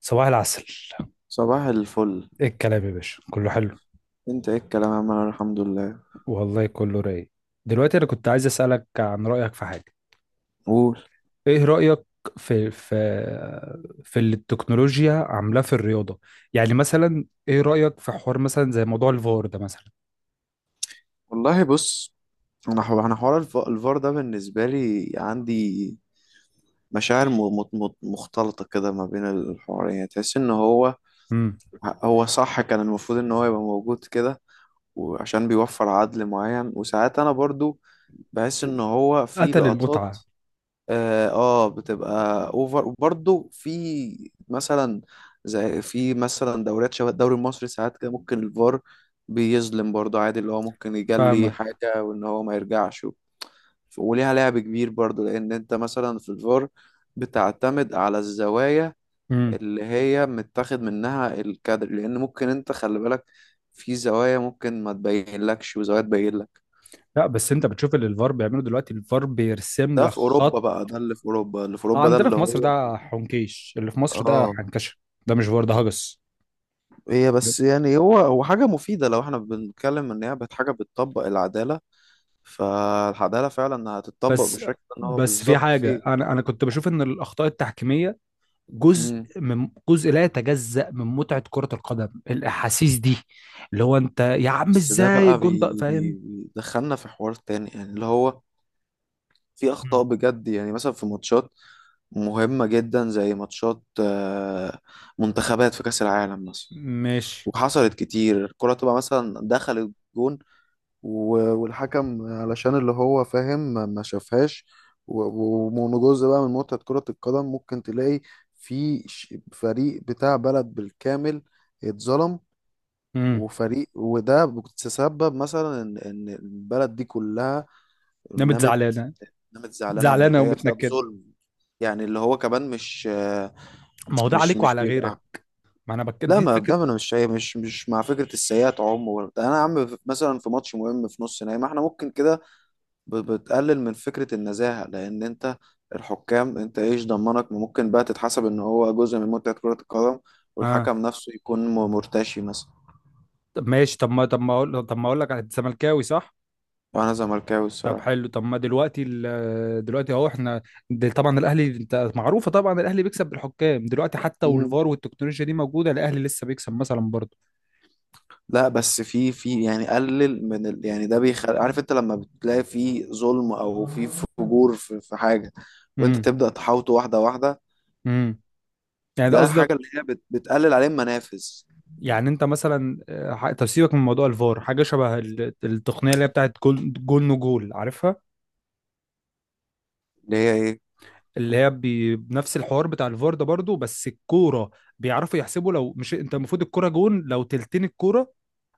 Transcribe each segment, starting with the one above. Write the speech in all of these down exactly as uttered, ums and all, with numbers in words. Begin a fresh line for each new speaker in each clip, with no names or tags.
صباح العسل.
صباح الفل.
ايه الكلام يا باشا؟ كله حلو.
انت ايه الكلام يا عم، انا الحمد لله.
والله كله رايق. دلوقتي انا كنت عايز اسالك عن رايك في حاجه.
قول.
ايه رايك في في في اللي التكنولوجيا عاملاه في الرياضه؟ يعني مثلا ايه رايك في حوار مثلا زي موضوع الفار ده مثلا.
والله بص، انا حو... انا حوار الف... الفار ده بالنسبه لي عندي مشاعر م... م... م- مختلطه كده ما بين الحوارين. يعني تحس ان هو
امم.
هو صح كان المفروض ان هو يبقى موجود كده، وعشان بيوفر عدل معين، وساعات انا برضو بحس ان هو في
قتل
لقطات.
المتعه.
اه آه، بتبقى اوفر، وبرضه في مثلا، زي في مثلا دوريات شبه الدوري المصري ساعات كده ممكن الفار بيظلم برضه. عادي اللي هو ممكن يجلي
فاهمك.
حاجة وان هو ما يرجعش. و- وليها لعب كبير برضه، لان انت مثلا في الفار بتعتمد على الزوايا
امم.
اللي هي متاخد منها الكادر، لان ممكن انت خلي بالك في زوايا ممكن ما تبين لكش وزوايا تبين لك.
لا بس انت بتشوف اللي الفار بيعمله دلوقتي. الفار بيرسم
ده
لك
في اوروبا
خط.
بقى. ده اللي في اوروبا اللي في اوروبا ده
عندنا
اللي
في مصر
هو.
ده حنكيش. اللي في مصر ده
اه.
حنكشه. ده مش فار، ده هجس.
هي بس يعني هو هو حاجة مفيدة، لو احنا بنتكلم ان هي بت- حاجة بتطبق العدالة، فالعدالة فعلا هتطبق
بس
بالشكل ان هو
بس في
بالظبط
حاجة،
فيه.
أنا أنا كنت بشوف إن الأخطاء التحكيمية جزء،
مم.
من جزء لا يتجزأ من متعة كرة القدم. الأحاسيس دي، اللي هو أنت يا عم
بس ده
إزاي
بقى
الجون ده؟
بي بي
فاهم.
بيدخلنا في حوار تاني، يعني اللي هو في
مم.
أخطاء بجد، يعني مثلا في ماتشات مهمة جدا، زي ماتشات آه، منتخبات في كأس العالم مثلا،
ماشي.
وحصلت كتير الكرة تبقى مثلا دخلت جون، و- والحكم علشان اللي هو فاهم ما ما شافهاش. و- و- ومن جزء بقى من متعة كرة القدم ممكن تلاقي في ش- فريق بتاع بلد بالكامل اتظلم،
امم.
وفريق، وده بتسبب مثلا ان إن البلد دي كلها
نمت
نامت
زعلانة.
نامت زعلانه
زعلانة
ومتضايقه بسبب
ومتنكدة.
ظلم. يعني اللي هو كمان مش،
ما هو ده
مش
عليك
مش
وعلى غيرك.
بيبقى.
ما أنا بك،
لا،
دي
ما
فكرة.
ده انا مش شايف- مش مش مع فكره السيئات عموما. ده انا يا عم مثلا في ماتش مهم في نص نهائي، ما احنا ممكن كده ب- بتقلل من فكرة النزاهة. لأن أنت الحكام، أنت إيش ضمنك ما ممكن بقى تتحسب إن هو جزء من متعة كرة القدم،
آه.
والحكم نفسه يكون م- مرتشي مثلا.
طب ماشي. طب ما طب ما أقول طب ما أقول لك، أنت زملكاوي صح؟
أنا زملكاوي
طب
الصراحة.
حلو. طب ما دلوقتي ال- دلوقتي اهو احنا، ده طبعا الاهلي، انت معروفه طبعا الاهلي بيكسب بالحكام دلوقتي، حتى
مم.
والفار والتكنولوجيا دي موجوده الاهلي لسه بيكسب مثلا برضه.
لا بس في في يعني قلل من ال، يعني ده بيخلي عارف أنت لما بتلاقي في ظلم أو في فجور في, في حاجة، وأنت
امم.
تبدأ تحاوطه واحدة واحدة.
امم. يعني ده
ده
قصدك؟
حاجة اللي هي بت بتقلل عليه المنافذ.
يعني انت مثلا، آه، ح- طب سيبك من موضوع الفار، حاجه شبه ال- التقنيه اللي هي بتاعت جول، جول نو جول، عارفها.
اللي هي إيه؟
اللي هي بي- بنفس الحوار بتاع الفار ده برضه، بس الكوره بيعرفوا يحسبوا. لو مش انت المفروض الكوره جون لو تلتين الكوره،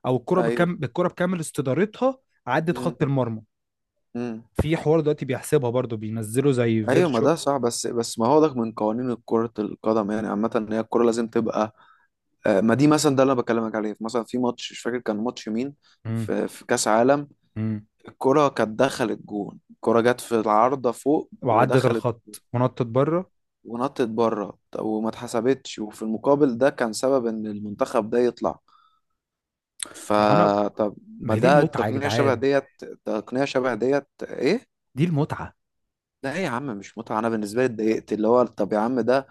او الكوره
أيوه.
بكم، بالكوره بكامل استدارتها عدت
مم.
خط المرمى.
مم.
في حوار دلوقتي بيحسبها برضه، بينزله زي
ايوه، ما
فيرتشوال.
ده صح، بس بس ما هو ده من قوانين كرة القدم يعني عامة، ان هي الكرة لازم تبقى آه، ما دي مثلا ده اللي انا بكلمك عليه. مثلا في ماتش مش فاكر كان ماتش مين،
امم.
في في كأس عالم،
امم.
الكرة كانت دخلت جون. الكرة جت في العارضة فوق
وعدت
ودخلت
الخط ونطت بره.
ونطت بره وما اتحسبتش، وفي المقابل ده كان سبب ان المنتخب ده يطلع.
ما انا،
فطب،
ما
ما
هي دي
ده
المتعه يا
التقنية شبه
جدعان.
ديت. تقنية شبه ديت ايه؟
دي المتعه.
ده ايه يا عم؟ مش متعة، انا بالنسبة لي اتضايقت. اللي هو طب يا عم، ده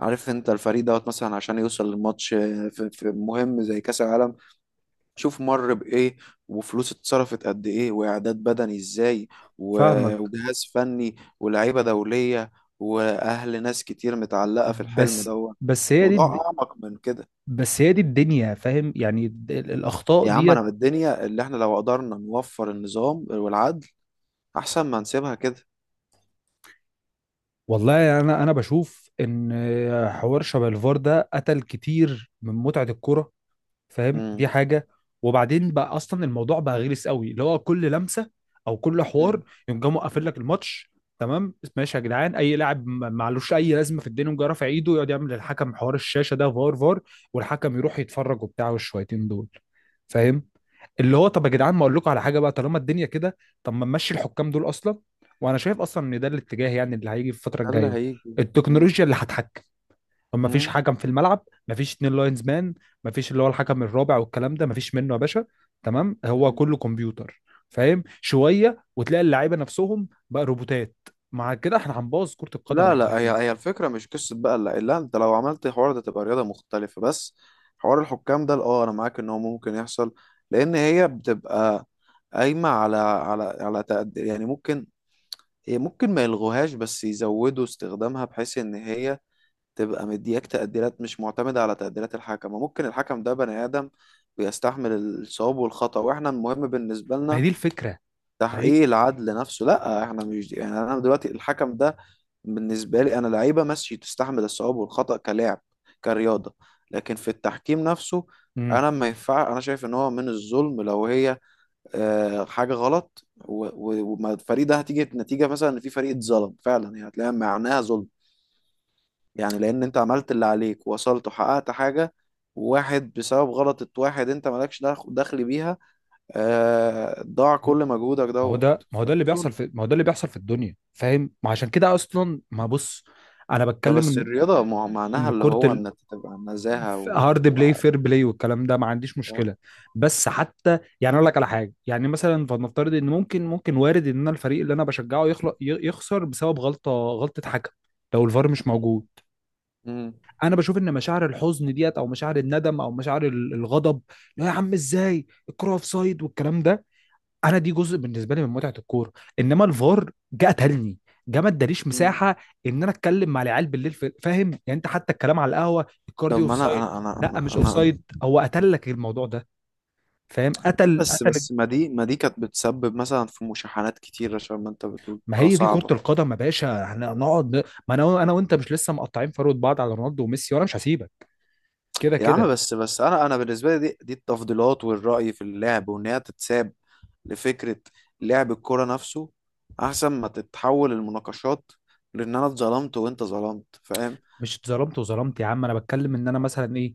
عارف انت الفريق دوت مثلا عشان يوصل للماتش آه، في في مهم زي كأس العالم شوف مر بإيه، وفلوس اتصرفت قد إيه، وإعداد بدني إزاي، و-
فاهمك.
وجهاز فني ولاعيبة دولية وأهل، ناس كتير متعلقة في الحلم
بس
دوت.
بس هي دي
موضوع
الد-
أعمق من كده.
بس هي دي الدنيا، فاهم؟ يعني ال- ال- الاخطاء
يا عم،
ديت.
أنا بالدنيا اللي إحنا لو قدرنا نوفر النظام والعدل، أحسن ما نسيبها كده.
والله انا انا بشوف ان حوار شبه الفار ده قتل كتير من متعه الكوره، فاهم؟
مم.
دي حاجه. وبعدين بقى اصلا الموضوع بقى غلس قوي، اللي هو كل لمسه او كل حوار
مم.
يقوم جاي مقفل لك الماتش. تمام ماشي يا جدعان، اي لاعب ما- معلوش اي لازمه في الدنيا يقوم جاي رافع ايده، يقعد يعمل للحكم حوار الشاشه، ده فار فار، والحكم يروح يتفرج وبتاع، والشويتين دول. فاهم؟ اللي هو طب يا جدعان، ما اقول لكم على حاجه بقى، طالما الدنيا كده، طب ما نمشي الحكام دول اصلا. وانا شايف اصلا ان ده الاتجاه، يعني اللي هيجي في الفتره
ده اللي
الجايه.
هيجي. مم.
التكنولوجيا اللي هتحكم. ما فيش
مم.
حكم في الملعب، ما فيش اتنين لاينز مان، ما فيش اللي هو الحكم الرابع والكلام ده، ما فيش منه يا باشا. تمام، هو كله كمبيوتر. فاهم؟ شويه وتلاقي اللعيبه نفسهم بقى روبوتات. مع كده احنا هنبوظ كره القدم
لا
يا
لا، هي
جدعان.
هي الفكرة مش قصة بقى. لا لا، انت لو عملت حوار ده تبقى رياضة مختلفة. بس حوار الحكام ده اه، انا معاك ان هو ممكن يحصل، لان هي بتبقى قايمة على على على تقد... يعني ممكن، هي ممكن ما يلغوهاش، بس يزودوا استخدامها، بحيث ان هي تبقى مدياك تقديرات مش معتمدة على تقديرات الحكم. وممكن الحكم ده بني آدم بيستحمل الصواب والخطأ، واحنا المهم بالنسبة
ما هي
لنا
دي الفكره. ما هي،
تحقيق العدل نفسه. لا احنا مش، يعني انا دلوقتي الحكم ده بالنسبه لي انا لعيبه ماشي تستحمل الصواب والخطا كلاعب كرياضه، لكن في التحكيم نفسه
مم.
انا ما ينفع. انا شايف ان هو من الظلم لو هي آه، حاجه غلط و- و- وما الفريق ده هتيجي نتيجه مثلا ان في فريق اتظلم فعلا، يعني هتلاقيها معناها ظلم، يعني لان انت عملت اللي عليك ووصلت وحققت حاجه، واحد بسبب غلطة واحد انت مالكش دخ- دخل بيها، آه، ضاع كل مجهودك
ما هو
دوت،
ده ما هو ده
فده
اللي
ظلم.
بيحصل في ما هو ده اللي بيحصل في الدنيا، فاهم؟ ما عشان كده اصلا، ما بص، انا
ده
بتكلم
بس
ان،
الرياضة مع- معناها
ان
اللي
كره
هو
ال...
إن أنت تبقى نزاهة و...
هارد
و...
بلاي، فير بلاي والكلام ده، ما عنديش
فاهم؟
مشكله. بس حتى يعني اقول لك على حاجه، يعني مثلا فلنفترض ان، ممكن ممكن وارد ان انا الفريق اللي انا بشجعه يخلق ي- يخسر بسبب غلطه غلطه حكم، لو الفار مش موجود.
مم.
انا بشوف ان مشاعر الحزن ديت، او مشاعر الندم، او مشاعر ال- الغضب، لا يا عم ازاي الكره اوف سايد والكلام ده، انا دي جزء بالنسبه لي من متعه الكوره. انما الفار جه قتلني، جه ما اداليش
مم.
مساحه ان انا اتكلم مع العيال بالليل في- فاهم يعني. انت حتى الكلام على القهوه، الكار دي
طب
اوف
ما أنا،
سايد،
أنا أنا
لا
أنا,
مش اوف
أنا...
سايد، هو قتل لك الموضوع ده. فاهم؟ قتل
بس
قتل.
بس ما دي ما دي كانت بتسبب مثلا في مشاحنات كتير، عشان ما أنت بتقول
ما
كا-
هي دي كره
صعبة.
القدم يا باشا، احنا نقعد ن- ما انا انا وانت مش لسه مقطعين فروه بعض على رونالدو وميسي، وانا مش هسيبك كده
يا عم،
كده.
بس بس أنا أنا بالنسبة لي دي دي التفضيلات والرأي في اللعب، وإن هي تتساب لفكرة لعب الكورة نفسه، أحسن ما تتحول المناقشات لأن أنا اتظلمت وأنت ظلمت، فاهم؟
مش اتظلمت وظلمت يا عم، انا بتكلم ان انا مثلا ايه،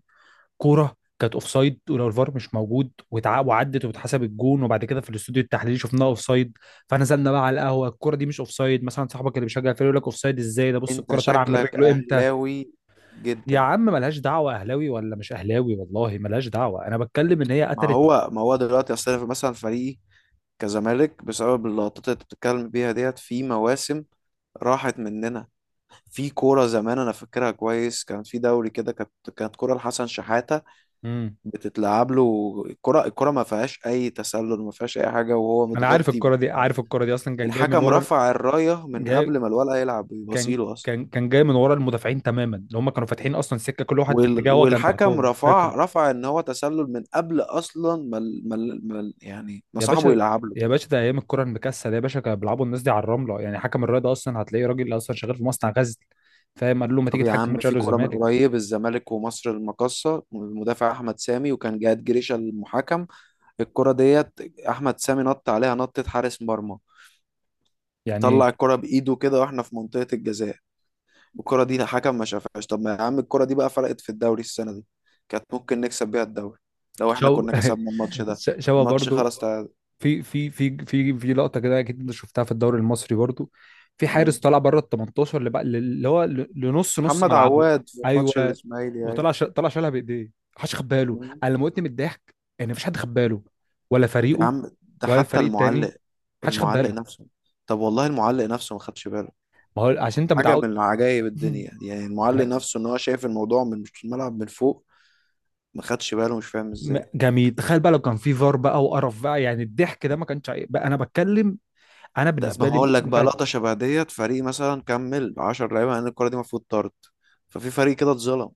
كوره كانت اوفسايد، ولو الفار مش موجود وتع- وعدت واتحسب الجون، وبعد كده في الاستوديو التحليلي شفناها اوفسايد. فنزلنا بقى على القهوه، الكوره دي مش اوفسايد مثلا، صاحبك اللي بيشجع الفريق يقول لك اوفسايد ازاي؟ ده بص
أنت
الكوره طالعه من
شكلك
رجله امتى.
أهلاوي
يا
جدا.
عم ملهاش دعوه اهلاوي ولا مش اهلاوي، والله ملهاش دعوه، انا بتكلم ان هي
ما
قتلت.
هو ما هو دلوقتي اصل، أنا مثلا فريقي كزمالك، بسبب اللقطات اللي انت بتتكلم بيها ديت، في مواسم راحت مننا. في كورة زمان انا فاكرها كويس، كان في دوري كده، كانت كانت كورة لحسن شحاتة
امم.
بتتلعب له الكرة، الكرة ما فيهاش اي تسلل، ما فيهاش اي حاجة وهو
انا عارف
متغطي،
الكوره دي. عارف الكوره دي اصلا، كان جاي من
الحكم
ورا ال-
رفع الراية من
جاي
قبل ما الولد يلعب
كان
يبصيله اصلا.
كان كان جاي من ورا المدافعين تماما، اللي هم كانوا فاتحين اصلا سكه، كل واحد في
وال-
اتجاهه كان
والحكم
تحتهم، فاكر؟
رفع رفع ان هو تسلل من قبل اصلا ما ال- ما ال- ما ال- يعني ما
يا
صاحبه
باشا
يلعب له.
يا باشا، ده ايام الكرة المكسل يا باشا، كانوا بيلعبوا الناس دي على الرملة، يعني حكم الرياضة اصلا هتلاقيه راجل اصلا شغال في مصنع غزل، فاهم؟ قال له ما تيجي
طب يا
تحكم
عم،
ماتش
في
الاهلي
كورة من
والزمالك.
قريب الزمالك ومصر المقاصة، المدافع أحمد سامي، وكان جهاد جريشة المحكم، الكرة ديت أحمد سامي نط عليها نطة حارس مرمى،
يعني
طلع الكرة بإيده كده وإحنا في منطقة الجزاء، والكرة دي الحكم ما شافهاش. طب ما يا عم الكرة دي بقى فرقت في الدوري السنة دي، كانت ممكن نكسب بيها الدوري لو إحنا
شو
كنا كسبنا الماتش ده.
ش- شوا
الماتش
برضو.
خلاص تعادل.
في في في في في لقطة كده اكيد انت شفتها في الدوري المصري برضو. في حارس
مم.
طلع بره ال الثمنتاشر، اللي بقى اللي هو ل- لنص نص
محمد
ملعبه.
عواد في ماتش
ايوه.
الإسماعيلي أهي.
وطلع ش... طلع شالها بايديه. محدش خد باله.
مم.
انا لما قلت من الضحك، ان مفيش حد خد باله، ولا
يا
فريقه،
عم ده
ولا
حتى
الفريق التاني،
المعلق،
محدش خد
المعلق
باله.
نفسه، طب والله المعلق نفسه ما خدش باله.
ما هو عشان انت
حاجة
متعود.
من عجائب
مم.
الدنيا دي. يعني المعلق نفسه ان هو شايف الموضوع من، مش الملعب، من فوق ما خدش باله، مش فاهم
م-
ازاي.
جميل. تخيل بقى لو كان في فار بقى، وقرف بقى، يعني الضحك ده ما كانش هي- بقى. انا بتكلم، انا
ده ما
بالنسبه لي
هقول لك بقى
متعه.
لقطة شبه ديت، فريق مثلا كمل عشرة لعيبة لان الكرة دي المفروض طرد، ففي فريق كده اتظلم.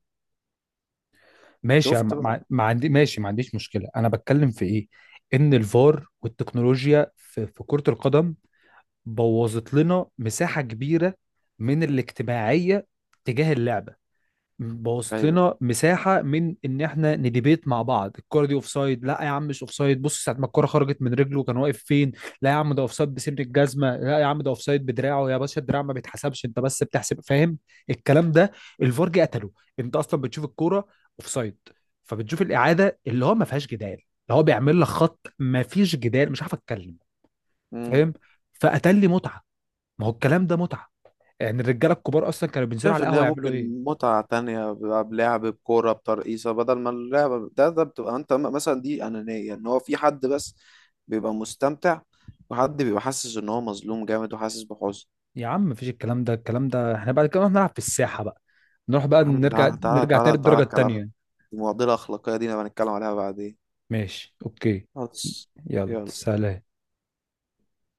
ماشي. أنا
شفت بقى؟
ما ما عندي، ماشي ما عنديش مشكله، انا بتكلم في ايه؟ ان الفار والتكنولوجيا في, في كره القدم بوظت لنا مساحه كبيره من الاجتماعيه تجاه اللعبه. بوظت
ايوه.
لنا مساحه من ان احنا نديبيت مع بعض. الكوره دي اوف سايد، لا يا عم مش اوف سايد، بص ساعه ما الكوره خرجت من رجله كان واقف فين، لا يا عم ده اوف سايد بسن الجزمه، لا يا عم ده اوف سايد بدراعه، يا باشا الدراع ما بيتحسبش، انت بس بتحسب، فاهم الكلام ده؟ الفار جه قتله. انت اصلا بتشوف الكوره اوف سايد، فبتشوف الاعاده اللي هو ما فيهاش جدال، اللي هو بيعمل لك خط ما فيش جدال، مش عارف اتكلم،
امم.
فاهم؟ فقتل لي متعه. ما هو الكلام ده متعه، يعني الرجاله الكبار اصلا كانوا بينزلوا
شايف
على
ان هي
القهوه يعملوا
ممكن
ايه؟
متعة تانية بقى بلعب بكورة بترقيصة، بدل ما اللعبة ده ده بتبقى انت م- مثلا دي أنانية، ان هو في حد بس بيبقى مستمتع، وحد بيبقى حاسس ان هو مظلوم جامد وحاسس بحزن.
يا عم مفيش الكلام ده، الكلام ده احنا بعد كده نروح نلعب في الساحة بقى، نروح بقى
يا عم،
نرجع،
تعالى تعالى
نرجع
تعالى
تاني
تعالى
الدرجة
الكلام،
التانية.
المعضلة الأخلاقية دي نبقى نتكلم عليها بعدين.
ماشي اوكي.
خلاص.
يلا
يلا.
سلام.